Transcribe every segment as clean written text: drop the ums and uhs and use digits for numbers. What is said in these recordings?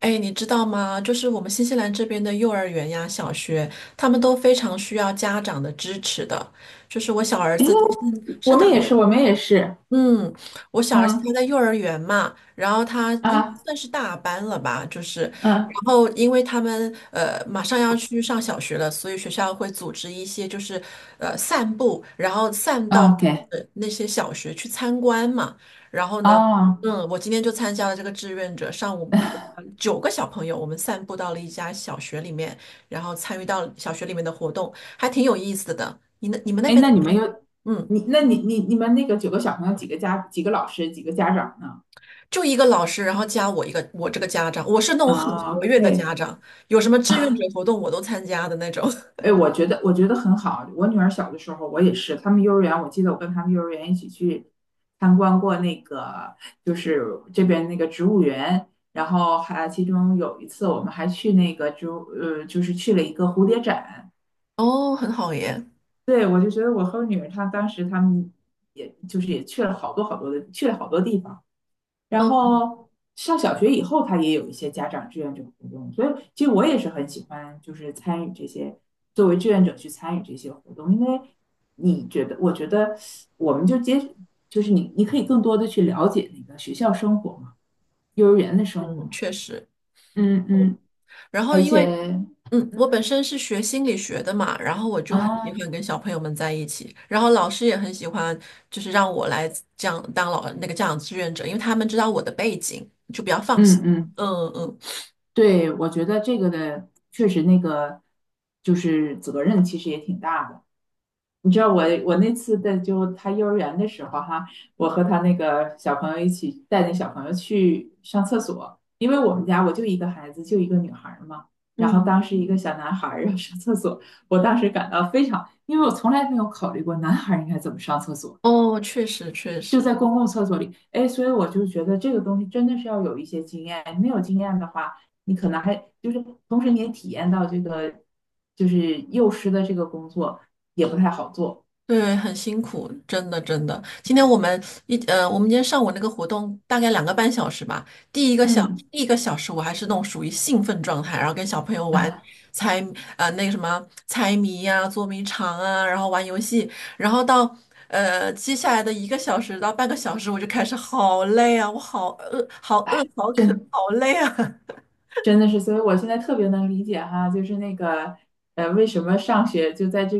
哎，你知道吗？就是我们新西兰这边的幼儿园呀、小学，他们都非常需要家长的支持的。就是我小儿诶，子，是我的。们也是，我们也是，嗯，我小儿子他嗯在幼儿园嘛，然后他应该啊算是大班了吧，就是，嗯然后因为他们马上要去上小学了，所以学校会组织一些就是散步，然后散到啊，OK，那些小学去参观嘛。然后呢，哦，我今天就参加了这个志愿者，上午陪了九个小朋友，我们散步到了一家小学里面，然后参与到小学里面的活动，还挺有意思的。你们那哎，边？那你们那个9个小朋友，几个老师，几个家长呢？就一个老师，然后加我一个我这个家长，我是那种很啊活跃的，OK，家长，有什么志愿者活动我都参加的那种。哎，我觉得很好。我女儿小的时候，我也是，他们幼儿园，我记得我跟他们幼儿园一起去参观过那个，就是这边那个植物园。然后还其中有一次，我们还去那个植物，就是去了一个蝴蝶展。哦，很好耶。对，我就觉得我和我女儿她当时她们也就是也去了好多好多的，去了好多地方。然嗯后上小学以后，她也有一些家长志愿者活动，所以其实我也是很喜欢，就是参与这些，作为志愿者去参与这些活动，因为你觉得，我觉得我们就接，就是你可以更多的去了解那个学校生活嘛，幼儿园的生活嗯，嘛，确实。嗯嗯，嗯然后而因且，为我本嗯身是学心理学的嘛，然后我就很喜啊，欢跟小朋友们在一起，然后老师也很喜欢，就是让我来这样当那个家长志愿者，因为他们知道我的背景，就比较放嗯心。嗯。嗯嗯对，我觉得这个的确实那个就是责任，其实也挺大的。你知道我那次在就他幼儿园的时候哈，我和他那个小朋友一起带那小朋友去上厕所，因为我们家我就一个孩子，就一个女孩儿嘛。然后嗯，当时一个小男孩儿要上厕所，我当时感到非常，因为我从来没有考虑过男孩儿应该怎么上厕所。哦，确实确就实。在公共厕所里，哎，所以我就觉得这个东西真的是要有一些经验，没有经验的话，你可能还就是同时你也体验到这个就是幼师的这个工作也不太好做。对，很辛苦，真的真的。今天我们我们今天上午那个活动大概2个半小时吧。第一个小嗯，第一个小时我还是那种属于兴奋状态，然后跟小朋友玩 猜呃那个什么猜谜呀、捉迷藏啊，然后玩游戏。然后到接下来的一个小时到半个小时，我就开始好累啊，我好饿，好饿，好渴，真好累啊。真的是，所以我现在特别能理解哈，就是那个，为什么上学就在这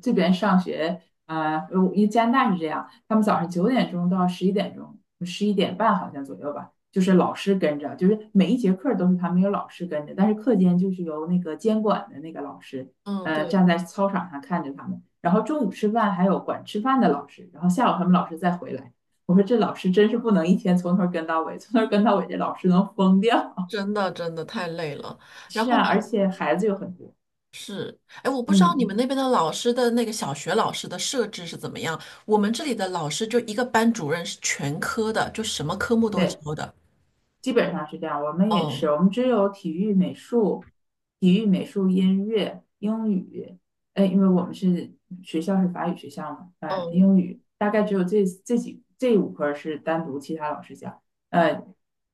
这边上学啊，因为加拿大是这样，他们早上9点钟到11点钟，11点半好像左右吧，就是老师跟着，就是每一节课都是他们有老师跟着，但是课间就是由那个监管的那个老师，嗯，对，站在操场上看着他们，然后中午吃饭还有管吃饭的老师，然后下午他们老师再回来。我说这老师真是不能一天从头跟到尾，从头跟到尾，这老师能疯掉。真的真的太累了。然是后呢？啊，而且孩子有很多。哎，我不知道你们嗯，那边的老师的那个小学老师的设置是怎么样。我们这里的老师就一个班主任是全科的，就什么科目都对，教的。基本上是这样。我们也是，哦，我们只有体育、美术、体育、美术、音乐、英语，因为我们是学校是法语学校嘛，呃，嗯英语大概只有这5科是单独其他老师教，呃，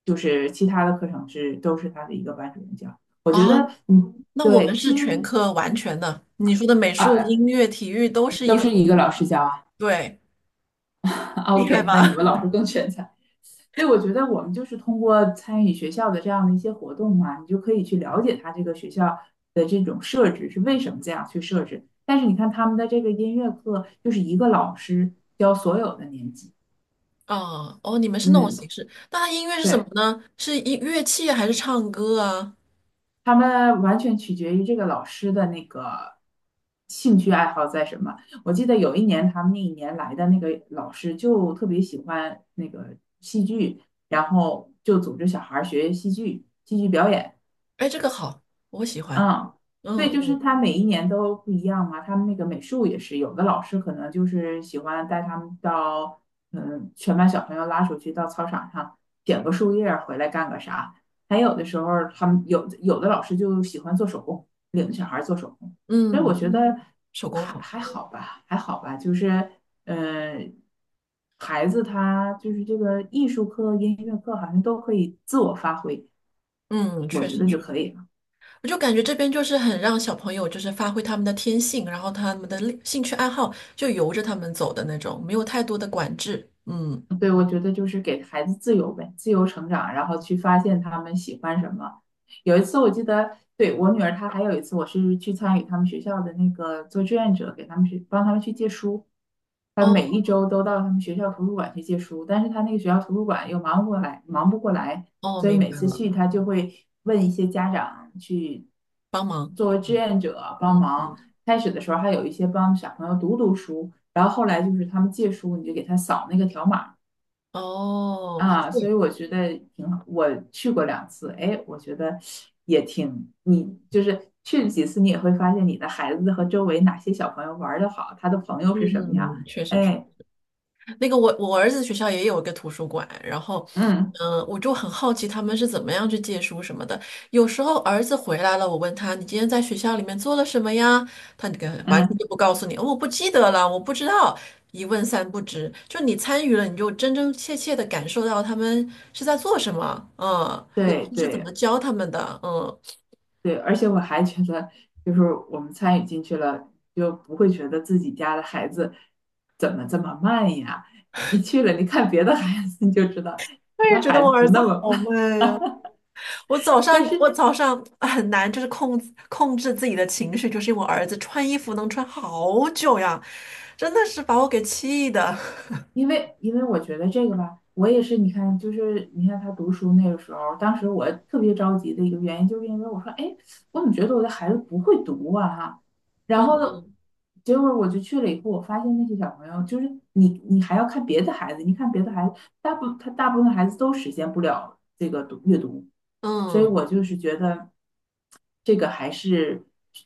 就是其他的课程都是他的一个班主任教。啊，嗯，那我们对，是其全实科完全的。你说的美术、啊，音乐、体育都是一都个，是一个老师教啊。对，厉害 OK，那你吧？们老师更全才。所以我觉得我们就是通过参与学校的这样的一些活动嘛，你就可以去了解他这个学校的这种设置是为什么这样去设置。但是你看他们的这个音乐课，就是一个老师教所有的年级。啊哦，你们是那种嗯，形式。那它音乐是什么对，呢？是音乐器还是唱歌啊？他们完全取决于这个老师的那个兴趣爱好在什么。我记得有一年他们那一年来的那个老师就特别喜欢那个戏剧，然后就组织小孩儿学戏剧、戏剧表演。哎，这个好，我喜欢。嗯，嗯对，就是嗯他每一年都不一样嘛。他们那个美术也是，有的老师可能就是喜欢带他们到，嗯，全班小朋友拉出去到操场上捡个树叶儿回来干个啥。还有的时候儿他们有的老师就喜欢做手工，领着小孩儿做手工。所以我嗯，觉得手工好。还好吧，还好吧，就是，呃，孩子他就是这个艺术课、音乐课好像都可以自我发挥，嗯，我确觉实。得就可以了。我就感觉这边就是很让小朋友就是发挥他们的天性，然后他们的兴趣爱好就由着他们走的那种，没有太多的管制。嗯，对，我觉得就是给孩子自由呗，自由成长，然后去发现他们喜欢什么。有一次我记得，对，我女儿她还有一次，我是去参与他们学校的那个做志愿者，给他们去帮他们去借书。她每哦一周都到他们学校图书馆去借书，但是他那个学校图书馆又忙不过来，忙不过来，哦，所以明每白次了，去他就会问一些家长去帮忙。作为志愿者帮嗯忙。嗯，开始的时候还有一些帮小朋友读读书，然后后来就是他们借书，你就给他扫那个条码。哦，啊，所以对，我觉得挺好。我去过2次，哎，我觉得也挺，你就是去了几次，你也会发现你的孩子和周围哪些小朋友玩的好，他的朋友是什么样。嗯，确实。哎，那个我儿子学校也有一个图书馆，然后，嗯我就很好奇他们是怎么样去借书什么的。有时候儿子回来了，我问他你今天在学校里面做了什么呀？他那个完嗯，全就不告诉你，哦我不记得了，我不知道，一问三不知。就你参与了，你就真真切切的感受到他们是在做什么，嗯，老对师是怎对么教他们的。嗯，对，而且我还觉得，就是我们参与进去了，就不会觉得自己家的孩子怎么这么慢呀。你去了，你看别的孩子，你就知道我你也家觉得孩子我儿不子那么好慢。慢呀。但是我早上哎很难，就是控制自己的情绪，就是因为我儿子穿衣服能穿好久呀，真的是把我给气的。因为我觉得这个吧，我也是，你看，就是你看他读书那个时候，当时我特别着急的一个原因，就是因为我说，哎，我怎么觉得我的孩子不会读啊？哈，然后嗯呢，结果我就去了以后，我发现那些小朋友，就是你还要看别的孩子，你看别的孩子，大部分孩子都实现不了这个读阅读，所以嗯我就是觉得这个还是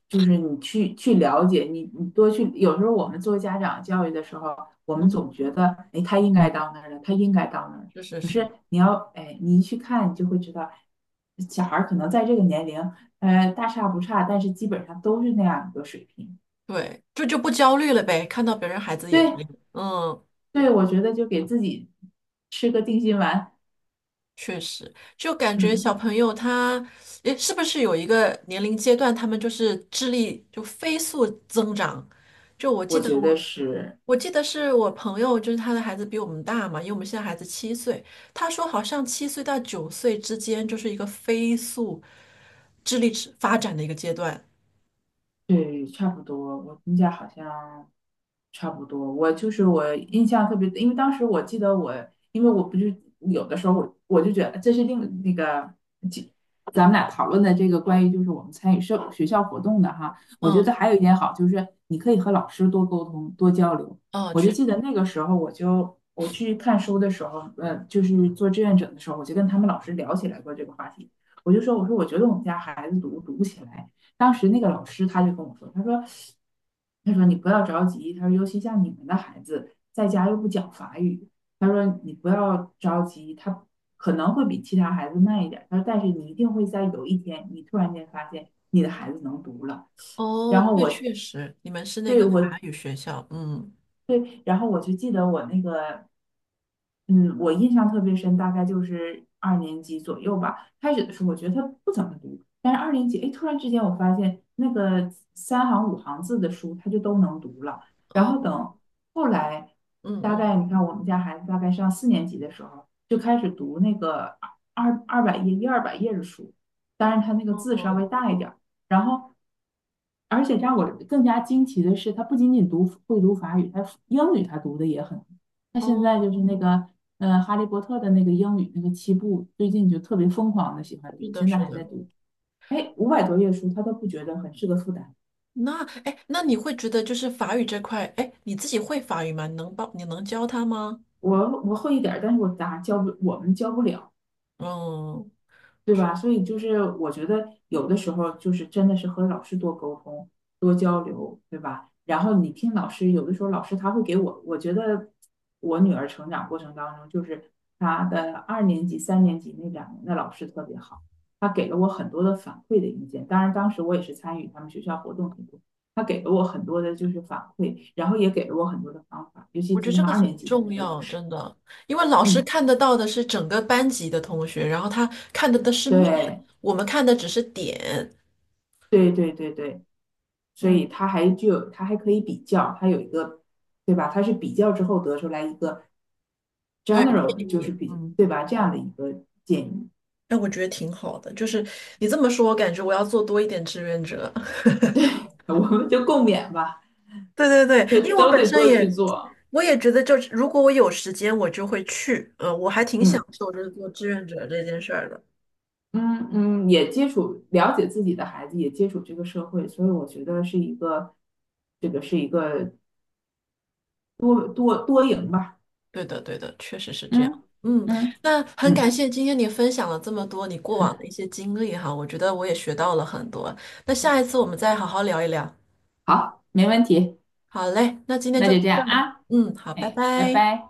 就是你去了解，你多去，有时候我们做家长教育的时候。我们总觉嗯，得，哎，他应该到那儿了，他应该到那儿了。是是可是是。你要，哎，你一去看，你就会知道，小孩儿可能在这个年龄，大差不差，但是基本上都是那样一个水平。对，就不焦虑了呗，看到别人孩子也对，这样。嗯，对，我觉得就给自己吃个定心丸。确实，就感觉小嗯，朋友他，诶，是不是有一个年龄阶段，他们就是智力就飞速增长？就我记我得觉我，得是我记得是我朋友，就是他的孩子比我们大嘛，因为我们现在孩子七岁。他说好像7岁到9岁之间就是一个飞速智力之发展的一个阶段。对，差不多。我们家好像差不多，我就是我印象特别，因为当时我记得我，因为我不是有的时候我就觉得这是另那个，就咱们俩讨论的这个关于就是我们参与社学校活动的哈，我觉得嗯，还有一点好就是你可以和老师多沟通多交流。哦，我就确记得实。那个时候我去看书的时候，就是做志愿者的时候，我就跟他们老师聊起来过这个话题，我说我觉得我们家孩子读读不起来。当时那个老师他就跟我说，他说，他说你不要着急，他说尤其像你们的孩子在家又不讲法语，他说你不要着急，他可能会比其他孩子慢一点他说但是你一定会在有一天，你突然间发现你的孩子能读了。哦，然后对，确实，你们是那个法我语学校。嗯，对，然后我就记得我那个嗯，我印象特别深，大概就是二年级左右吧。开始的时候，我觉得他不怎么读，但是二年级，哎，突然之间我发现那个3行5行字的书，他就都能读了。然后哦，等后来，嗯大嗯，概你看我们家孩子大概上4年级的时候，就开始读那个二百页、100-200页的书，当然他那个字稍哦微大一点儿。然后，而且让我更加惊奇的是，他不仅仅读会读法语，他英语他读的也很。那现在哦，就是那个《哈利波特》的那个英语那个7部，最近就特别疯狂的喜欢是读，的，现在是还在的。读。哎，500多页书，他都不觉得很是个负担。那哎，那你会觉得就是法语这块，哎，你自己会法语吗？你能教他吗？我会一点儿，但是我咋教不，我们教不了。嗯，对吧？所以就是我觉得有的时候就是真的是和老师多沟通、多交流，对吧？然后你听老师，有的时候老师他会给我，我觉得我女儿成长过程当中，就是她的二年级、3年级那2年的老师特别好，他给了我很多的反馈的意见。当然，当时我也是参与他们学校活动很多，他给了我很多的就是反馈，然后也给了我很多的方法，尤我其觉得是这像个二年很级的重那个老要，师，真的，因为老师嗯，看得到的是整个班级的同学，然后他看的是面，对。我们看的只是点。对对对对，所嗯，以它还具有，它还可以比较，它有一个，对吧？它是比较之后得出来一个 对，general 建的，就是议。比，嗯，对吧？这样的一个建议，哎，我觉得挺好的，就是你这么说，我感觉我要做多一点志愿者。我们就共勉吧，对对对，就因为我都本得身多去也，做。我也觉得就是如果我有时间，我就会去。嗯，我还挺享嗯受就是做志愿者这件事儿的。嗯嗯，也接触了解自己的孩子，也接触这个社会，所以我觉得是一个，这个是一个多多多赢吧。对的，对的，确实是这样。嗯嗯，嗯那很感嗯，谢今天你分享了这么多你过往的一些经历哈，我觉得我也学到了很多。那下一次我们再好好聊一聊。好，没问题，好嘞，那今天那就，就这样啊，嗯，好，拜哎，拜拜。拜。